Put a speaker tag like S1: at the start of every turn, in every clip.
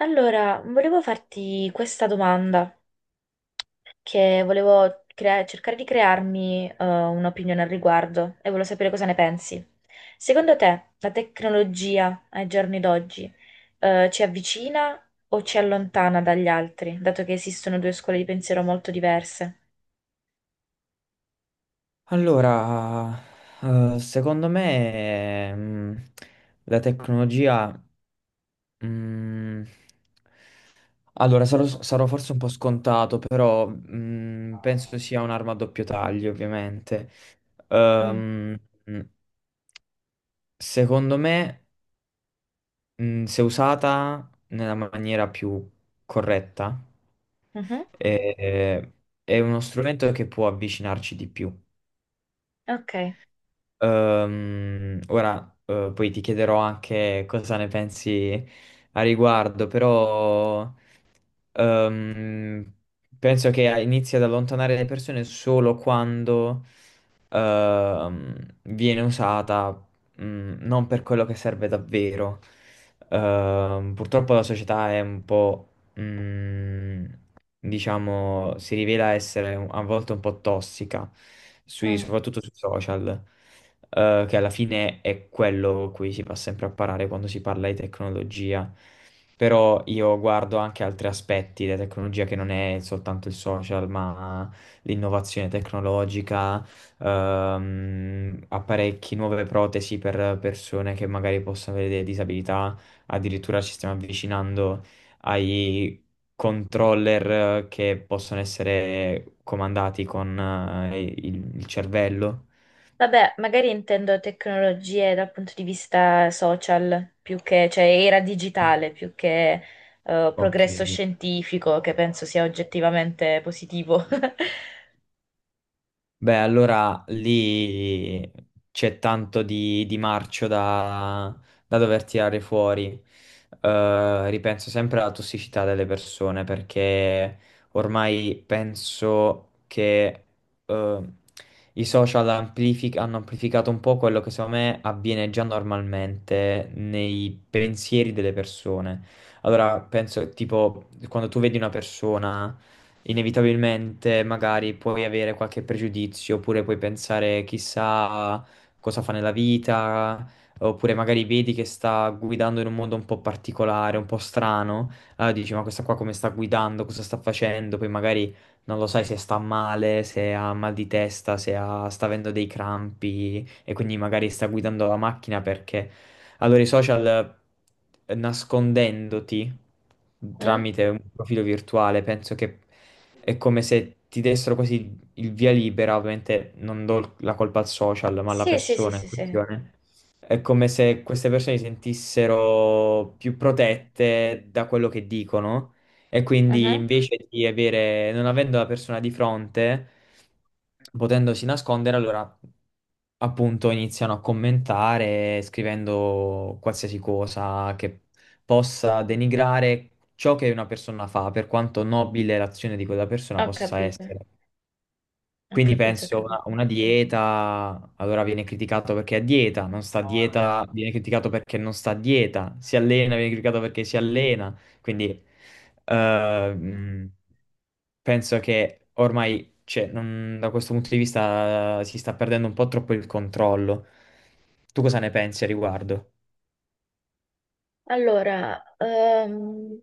S1: Allora, volevo farti questa domanda, che volevo cercare di crearmi un'opinione al riguardo e volevo sapere cosa ne pensi. Secondo te, la tecnologia ai giorni d'oggi ci avvicina o ci allontana dagli altri, dato che esistono due scuole di pensiero molto diverse?
S2: Allora, secondo me, la tecnologia, mm, allora sarò forse un po' scontato, però, penso sia un'arma a doppio taglio, ovviamente.
S1: Mm.
S2: Ehm, mm, secondo me, se usata nella maniera più corretta,
S1: Mhm.
S2: eh, è uno strumento che può avvicinarci di più.
S1: Ok.
S2: Ora, poi ti chiederò anche cosa ne pensi a riguardo, però ehm, penso che inizi ad allontanare le persone solo quando ehm, viene usata non per quello che serve davvero. Purtroppo la società è un po', mm, diciamo, si rivela essere a volte un po' tossica,
S1: Mm.
S2: soprattutto sui social, che alla fine è quello cui si va sempre a parare quando si parla di tecnologia. Però io guardo anche altri aspetti della tecnologia che non è soltanto il social, ma l'innovazione tecnologica, apparecchi, nuove protesi per persone che magari possono avere delle disabilità. Addirittura ci stiamo avvicinando ai controller che possono essere comandati con il cervello.
S1: Vabbè, magari intendo tecnologie dal punto di vista social, più che, cioè era digitale, più che
S2: Ok.
S1: progresso scientifico, che penso sia oggettivamente positivo.
S2: Beh, allora lì c'è tanto di marcio da, da dover tirare fuori. Ripenso sempre alla tossicità delle persone perché ormai penso che eh, hanno amplificato un po' quello che secondo me avviene già normalmente nei pensieri delle persone. Allora, penso tipo quando tu vedi una persona inevitabilmente magari puoi avere qualche pregiudizio, oppure puoi pensare chissà cosa fa nella vita, oppure magari vedi che sta guidando in un modo un po' particolare, un po' strano, allora dici ma questa qua come sta guidando, cosa sta facendo, poi magari non lo sai se sta male, se ha mal di testa, se ha- sta avendo dei crampi e quindi magari sta guidando la macchina perché allora i social nascondendoti
S1: Mm?
S2: tramite un profilo virtuale, penso che è come se ti dessero quasi il via libera, ovviamente non do la colpa al social, ma alla
S1: Sì, sì, sì,
S2: persona in
S1: sì, sì.
S2: questione. È come se queste persone si sentissero più protette da quello che dicono e quindi
S1: Mhm.
S2: invece di avere, non avendo la persona di fronte, potendosi nascondere, allora appunto iniziano a commentare scrivendo qualsiasi cosa che possa denigrare ciò che una persona fa, per quanto nobile l'azione di quella persona
S1: Ho
S2: possa
S1: capito,
S2: essere.
S1: ho
S2: Quindi
S1: capito, ho
S2: penso una,
S1: capito.
S2: una dieta, allora viene criticato perché è a dieta, non sta a dieta, viene criticato perché non sta a dieta, si allena, viene criticato perché si allena. Quindi eh, mh, penso che ormai, cioè, da questo punto di vista, si sta perdendo un po' troppo il controllo. Tu cosa ne pensi a riguardo?
S1: Allora,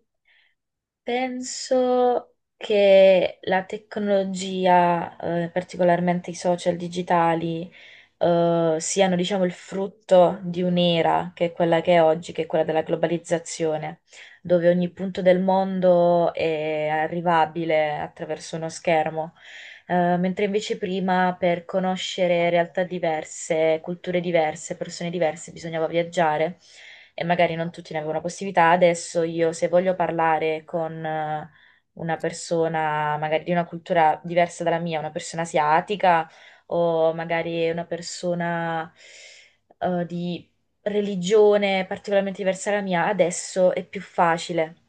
S1: penso che la tecnologia, particolarmente i social digitali, siano, diciamo, il frutto di un'era che è quella che è oggi, che è quella della globalizzazione, dove ogni punto del mondo è arrivabile attraverso uno schermo. Mentre invece prima per conoscere realtà diverse, culture diverse, persone diverse, bisognava viaggiare e magari non tutti ne avevano la possibilità. Adesso io se voglio parlare con una persona magari di una cultura diversa dalla mia, una persona asiatica o magari una persona di religione particolarmente diversa dalla mia, adesso è più facile.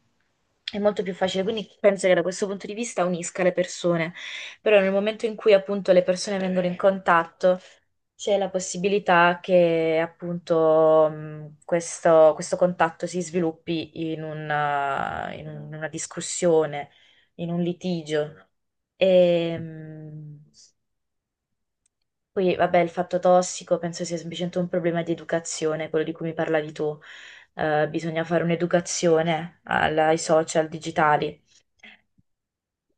S1: È molto più facile, quindi penso che da questo punto di vista unisca le persone, però nel momento in cui appunto le persone vengono in contatto c'è la possibilità che appunto questo contatto si sviluppi in una discussione, in un litigio. E, poi vabbè, il fatto tossico penso sia semplicemente un problema di educazione, quello di cui mi parlavi tu. Bisogna fare un'educazione ai social digitali.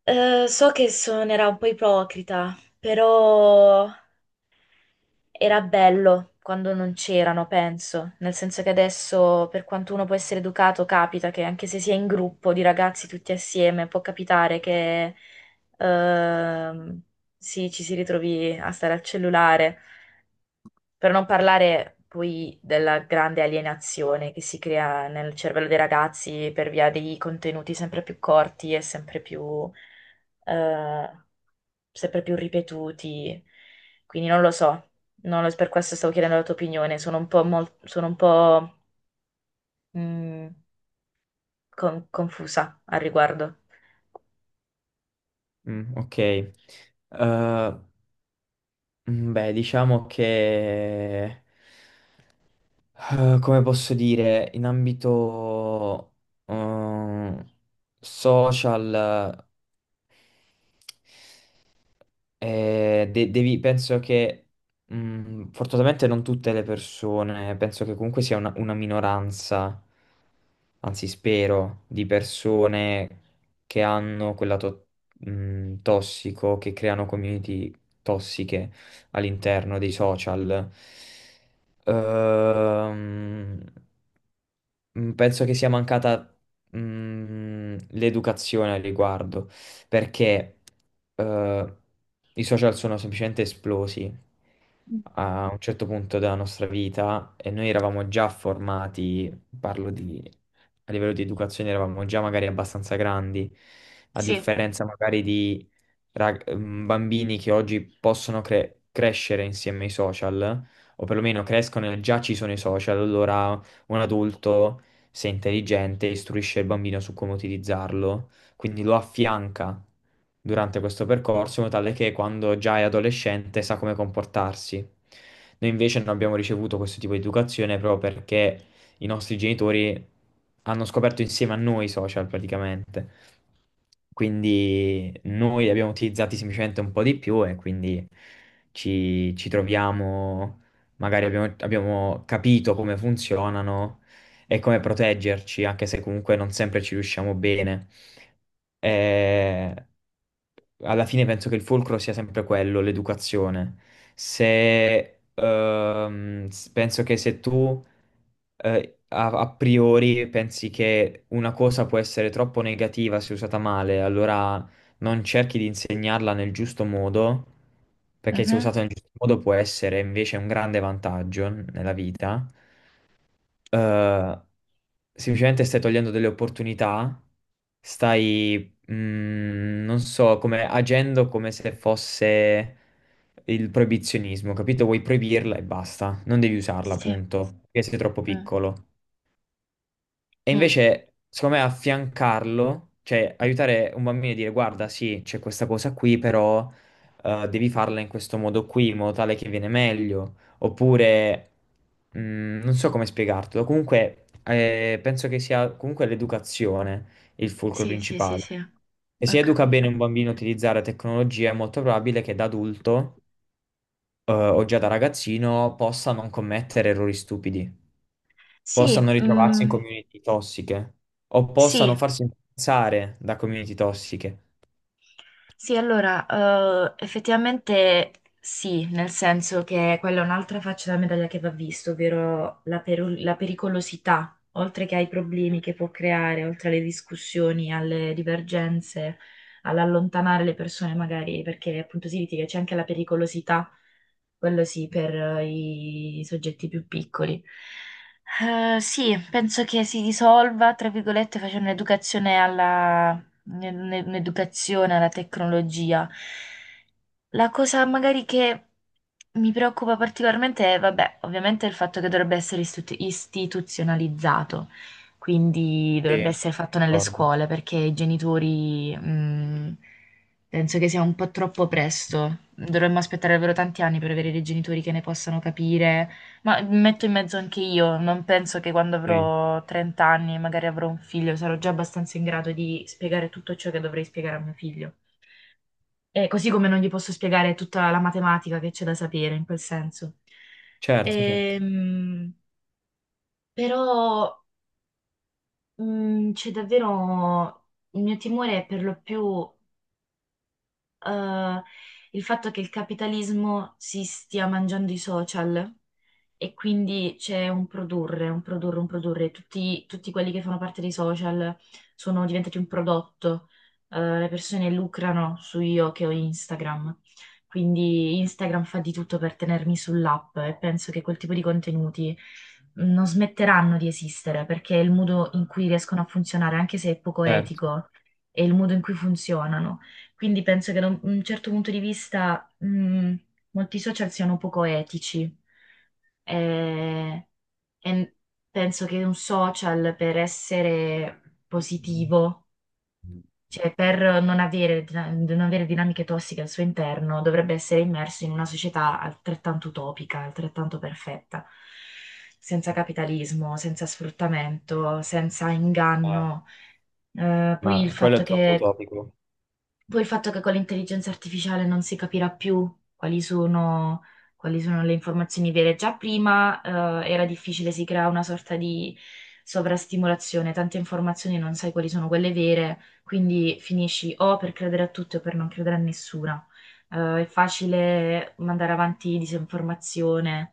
S1: So che suonerà un po' ipocrita, però. Era bello quando non c'erano, penso, nel senso che adesso, per quanto uno può essere educato, capita che anche se si è in gruppo di ragazzi tutti assieme, può capitare che ehm, sì, ci si ritrovi a stare al cellulare. Per non parlare poi della grande alienazione che si crea nel cervello dei ragazzi per via dei contenuti sempre più corti e eh, sempre più ripetuti. Quindi non lo so, non lo- per questo stavo chiedendo la tua opinione, sono un po', mm, confusa al riguardo.
S2: Mm, ok. Beh, diciamo che... come posso dire, in ambito eh, social, penso che fortunatamente non tutte le persone, penso che comunque sia una minoranza, anzi spero, di persone che hanno tossico, che creano community tossiche all'interno dei social. Ehm, Penso che sia mancata l'educazione al riguardo, perché eh, i social sono semplicemente esplosi a un certo punto della nostra vita e noi eravamo già formati, parlo di a livello di educazione, eravamo già magari abbastanza grandi, a
S1: Sì.
S2: differenza magari di bambini che oggi possono crescere insieme ai social, o perlomeno crescono e già ci sono i social, allora un adulto se è intelligente, istruisce il bambino su come utilizzarlo, quindi lo affianca durante questo percorso, in modo tale che quando già è adolescente sa come comportarsi. Noi invece non abbiamo ricevuto questo tipo di educazione proprio perché i nostri genitori hanno scoperto insieme a noi i social praticamente. Quindi noi li abbiamo utilizzati semplicemente un po' di più e quindi ci troviamo, magari abbiamo capito come funzionano e come proteggerci, anche se comunque non sempre ci riusciamo bene. Eh, alla fine penso che il fulcro sia sempre quello, l'educazione. Se, s- penso che se tu a, a priori pensi che una cosa può essere troppo negativa se usata male, allora non cerchi di insegnarla nel giusto modo, perché se
S1: Mhm.
S2: usata nel giusto modo può essere invece un grande vantaggio nella vita. eh, semplicemente stai togliendo delle opportunità, stai, non so, come agendo come se fosse il proibizionismo, capito? Vuoi proibirla e basta, non devi usarla,
S1: Sì,
S2: appunto, perché sei troppo
S1: mm,
S2: piccolo. E
S1: mm.
S2: invece, secondo me, affiancarlo, cioè aiutare un bambino a dire guarda, sì, c'è questa cosa qui, però devi farla in questo modo qui, in modo tale che viene meglio. Oppure, non so come spiegartelo, comunque penso che sia comunque l'educazione il fulcro
S1: Sì, sì, sì,
S2: principale.
S1: sì,
S2: E
S1: ho
S2: se educa bene
S1: capito.
S2: un bambino a utilizzare tecnologia, è molto probabile che da adulto o già da ragazzino possa non commettere errori stupidi,
S1: Sì,
S2: possano ritrovarsi in
S1: mm,
S2: community tossiche o possano
S1: sì.
S2: farsi influenzare da community tossiche.
S1: Sì, allora, effettivamente sì, nel senso che quella è un'altra faccia della medaglia che va vista, ovvero la pericolosità, oltre che ai problemi che può creare, oltre alle discussioni, alle divergenze, all'allontanare le persone magari, perché appunto si litiga, c'è anche la pericolosità, quello sì, per i soggetti più piccoli. Sì, penso che si risolva, tra virgolette, facendo un'educazione un'educazione alla tecnologia. La cosa magari che mi preoccupa particolarmente è, vabbè, ovviamente il fatto che dovrebbe essere istituzionalizzato, quindi
S2: Sì,
S1: dovrebbe essere fatto nelle
S2: d'accordo.
S1: scuole, perché i genitori, penso che sia un po' troppo presto. Dovremmo aspettare davvero tanti anni per avere dei genitori che ne possano capire, ma mi metto in mezzo anche io, non penso che quando
S2: Sì,
S1: avrò 30 anni, magari avrò un figlio, sarò già abbastanza in grado di spiegare tutto ciò che dovrei spiegare a mio figlio. Così come non gli posso spiegare tutta la matematica che c'è da sapere in quel senso.
S2: certo, certo,
S1: Ehm, però c'è davvero il mio timore è per lo più eh, il fatto che il capitalismo si stia mangiando i social. E quindi c'è un produrre, un produrre, un produrre. Tutti quelli che fanno parte dei social sono diventati un prodotto. Le persone lucrano su io che ho Instagram. Quindi Instagram fa di tutto per tenermi sull'app e penso che quel tipo di contenuti non smetteranno di esistere perché è il modo in cui riescono a funzionare, anche se è poco
S2: certo.
S1: etico, è il modo in cui funzionano. Quindi penso che da un certo punto di vista, molti social siano poco etici. Eh, e penso che un social per essere positivo, cioè per non avere, non avere dinamiche tossiche al suo interno, dovrebbe essere immerso in una società altrettanto utopica, altrettanto perfetta, senza capitalismo, senza sfruttamento, senza
S2: Eh,
S1: inganno. Poi il
S2: ma quello è
S1: fatto
S2: troppo
S1: che
S2: utopico.
S1: poi il fatto che con l'intelligenza artificiale non si capirà più quali sono, quali sono le informazioni vere. Già prima, era difficile, si crea una sorta di sovrastimolazione, tante informazioni non sai quali sono quelle vere, quindi finisci o per credere a tutte o per non credere a nessuna. È facile mandare avanti disinformazione.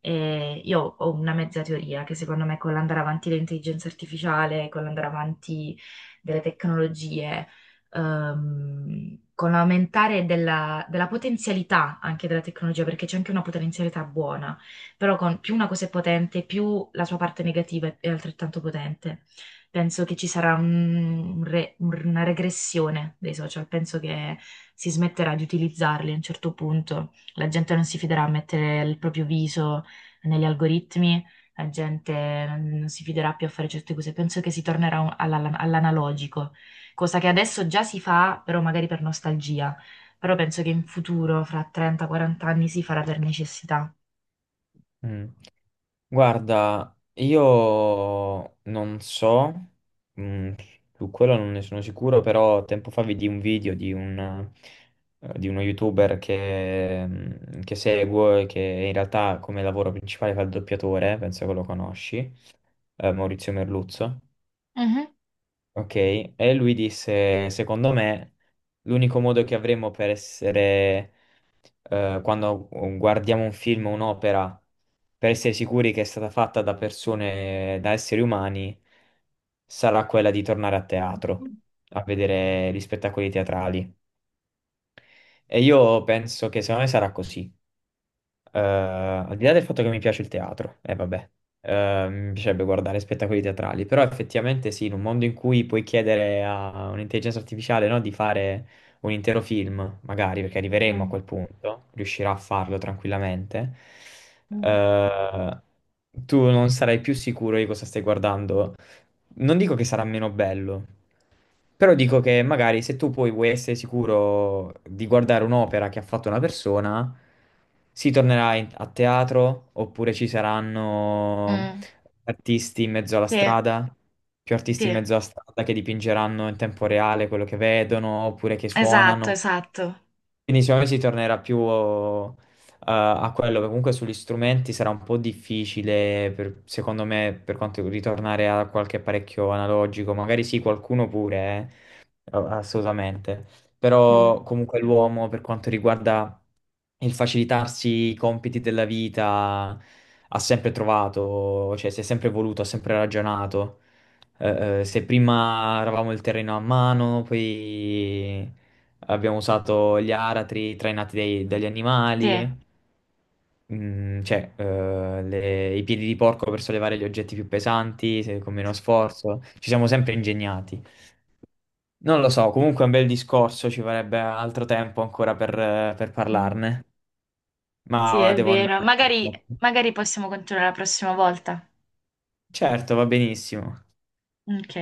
S1: E io ho una mezza teoria che secondo me con l'andare avanti dell'intelligenza artificiale, con l'andare avanti delle tecnologie con l'aumentare della potenzialità anche della tecnologia, perché c'è anche una potenzialità buona, però con, più una cosa è potente, più la sua parte negativa è altrettanto potente. Penso che ci sarà una regressione dei social, penso che si smetterà di utilizzarli a un certo punto, la gente non si fiderà a mettere il proprio viso negli algoritmi. La gente non si fiderà più a fare certe cose. Penso che si tornerà all'analogico, cosa che adesso già si fa, però magari per nostalgia, però penso che in futuro, fra 30-40 anni, si farà per necessità.
S2: Mm. Guarda, io non so, mm, su quello non ne sono sicuro, però tempo fa vidi un video di un, di uno YouTuber che, che seguo e che in realtà come lavoro principale fa il doppiatore, penso che lo conosci, Maurizio Merluzzo.
S1: Mhm.
S2: Ok, e lui disse, secondo me, l'unico modo che avremo per essere quando guardiamo un film o un'opera, per essere sicuri che è stata fatta da persone, da esseri umani, sarà quella di tornare a teatro, a vedere gli spettacoli teatrali. E io penso che secondo me sarà così. Al di là del fatto che mi piace il teatro, e vabbè, mi piacerebbe guardare spettacoli teatrali, però effettivamente sì, in un mondo in cui puoi chiedere a un'intelligenza artificiale, no, di fare un intero film, magari perché arriveremo a
S1: Mm,
S2: quel punto, riuscirà a farlo tranquillamente,
S1: mm,
S2: eh, tu non sarai più sicuro di cosa stai guardando, non dico che sarà meno bello, però dico che magari se tu poi vuoi essere sicuro di guardare un'opera che ha fatto una persona, si tornerà a teatro oppure ci saranno
S1: mm.
S2: artisti in mezzo alla
S1: Sì,
S2: strada, più artisti in
S1: sì,
S2: mezzo alla strada che dipingeranno in tempo reale quello che vedono oppure che
S1: esatto,
S2: suonano.
S1: esatto.
S2: Quindi secondo me si tornerà più a quello, perché comunque sugli strumenti sarà un po' difficile, secondo me, per quanto ritornare a qualche apparecchio analogico, magari sì, qualcuno pure, assolutamente,
S1: Mm,
S2: però comunque l'uomo per quanto riguarda il facilitarsi i compiti della vita ha sempre trovato, cioè si è sempre voluto, ha sempre ragionato. Se prima eravamo il terreno a mano, poi abbiamo usato gli aratri trainati dagli
S1: sì,
S2: animali, cioè i piedi di porco per sollevare gli oggetti più pesanti con meno sforzo, ci siamo sempre ingegnati. Non lo so, comunque è un bel discorso, ci vorrebbe altro tempo ancora per
S1: mm,
S2: parlarne,
S1: sì,
S2: ma
S1: è
S2: devo
S1: vero.
S2: andare.
S1: Magari possiamo continuare la prossima volta.
S2: Certo, va benissimo.
S1: Ok.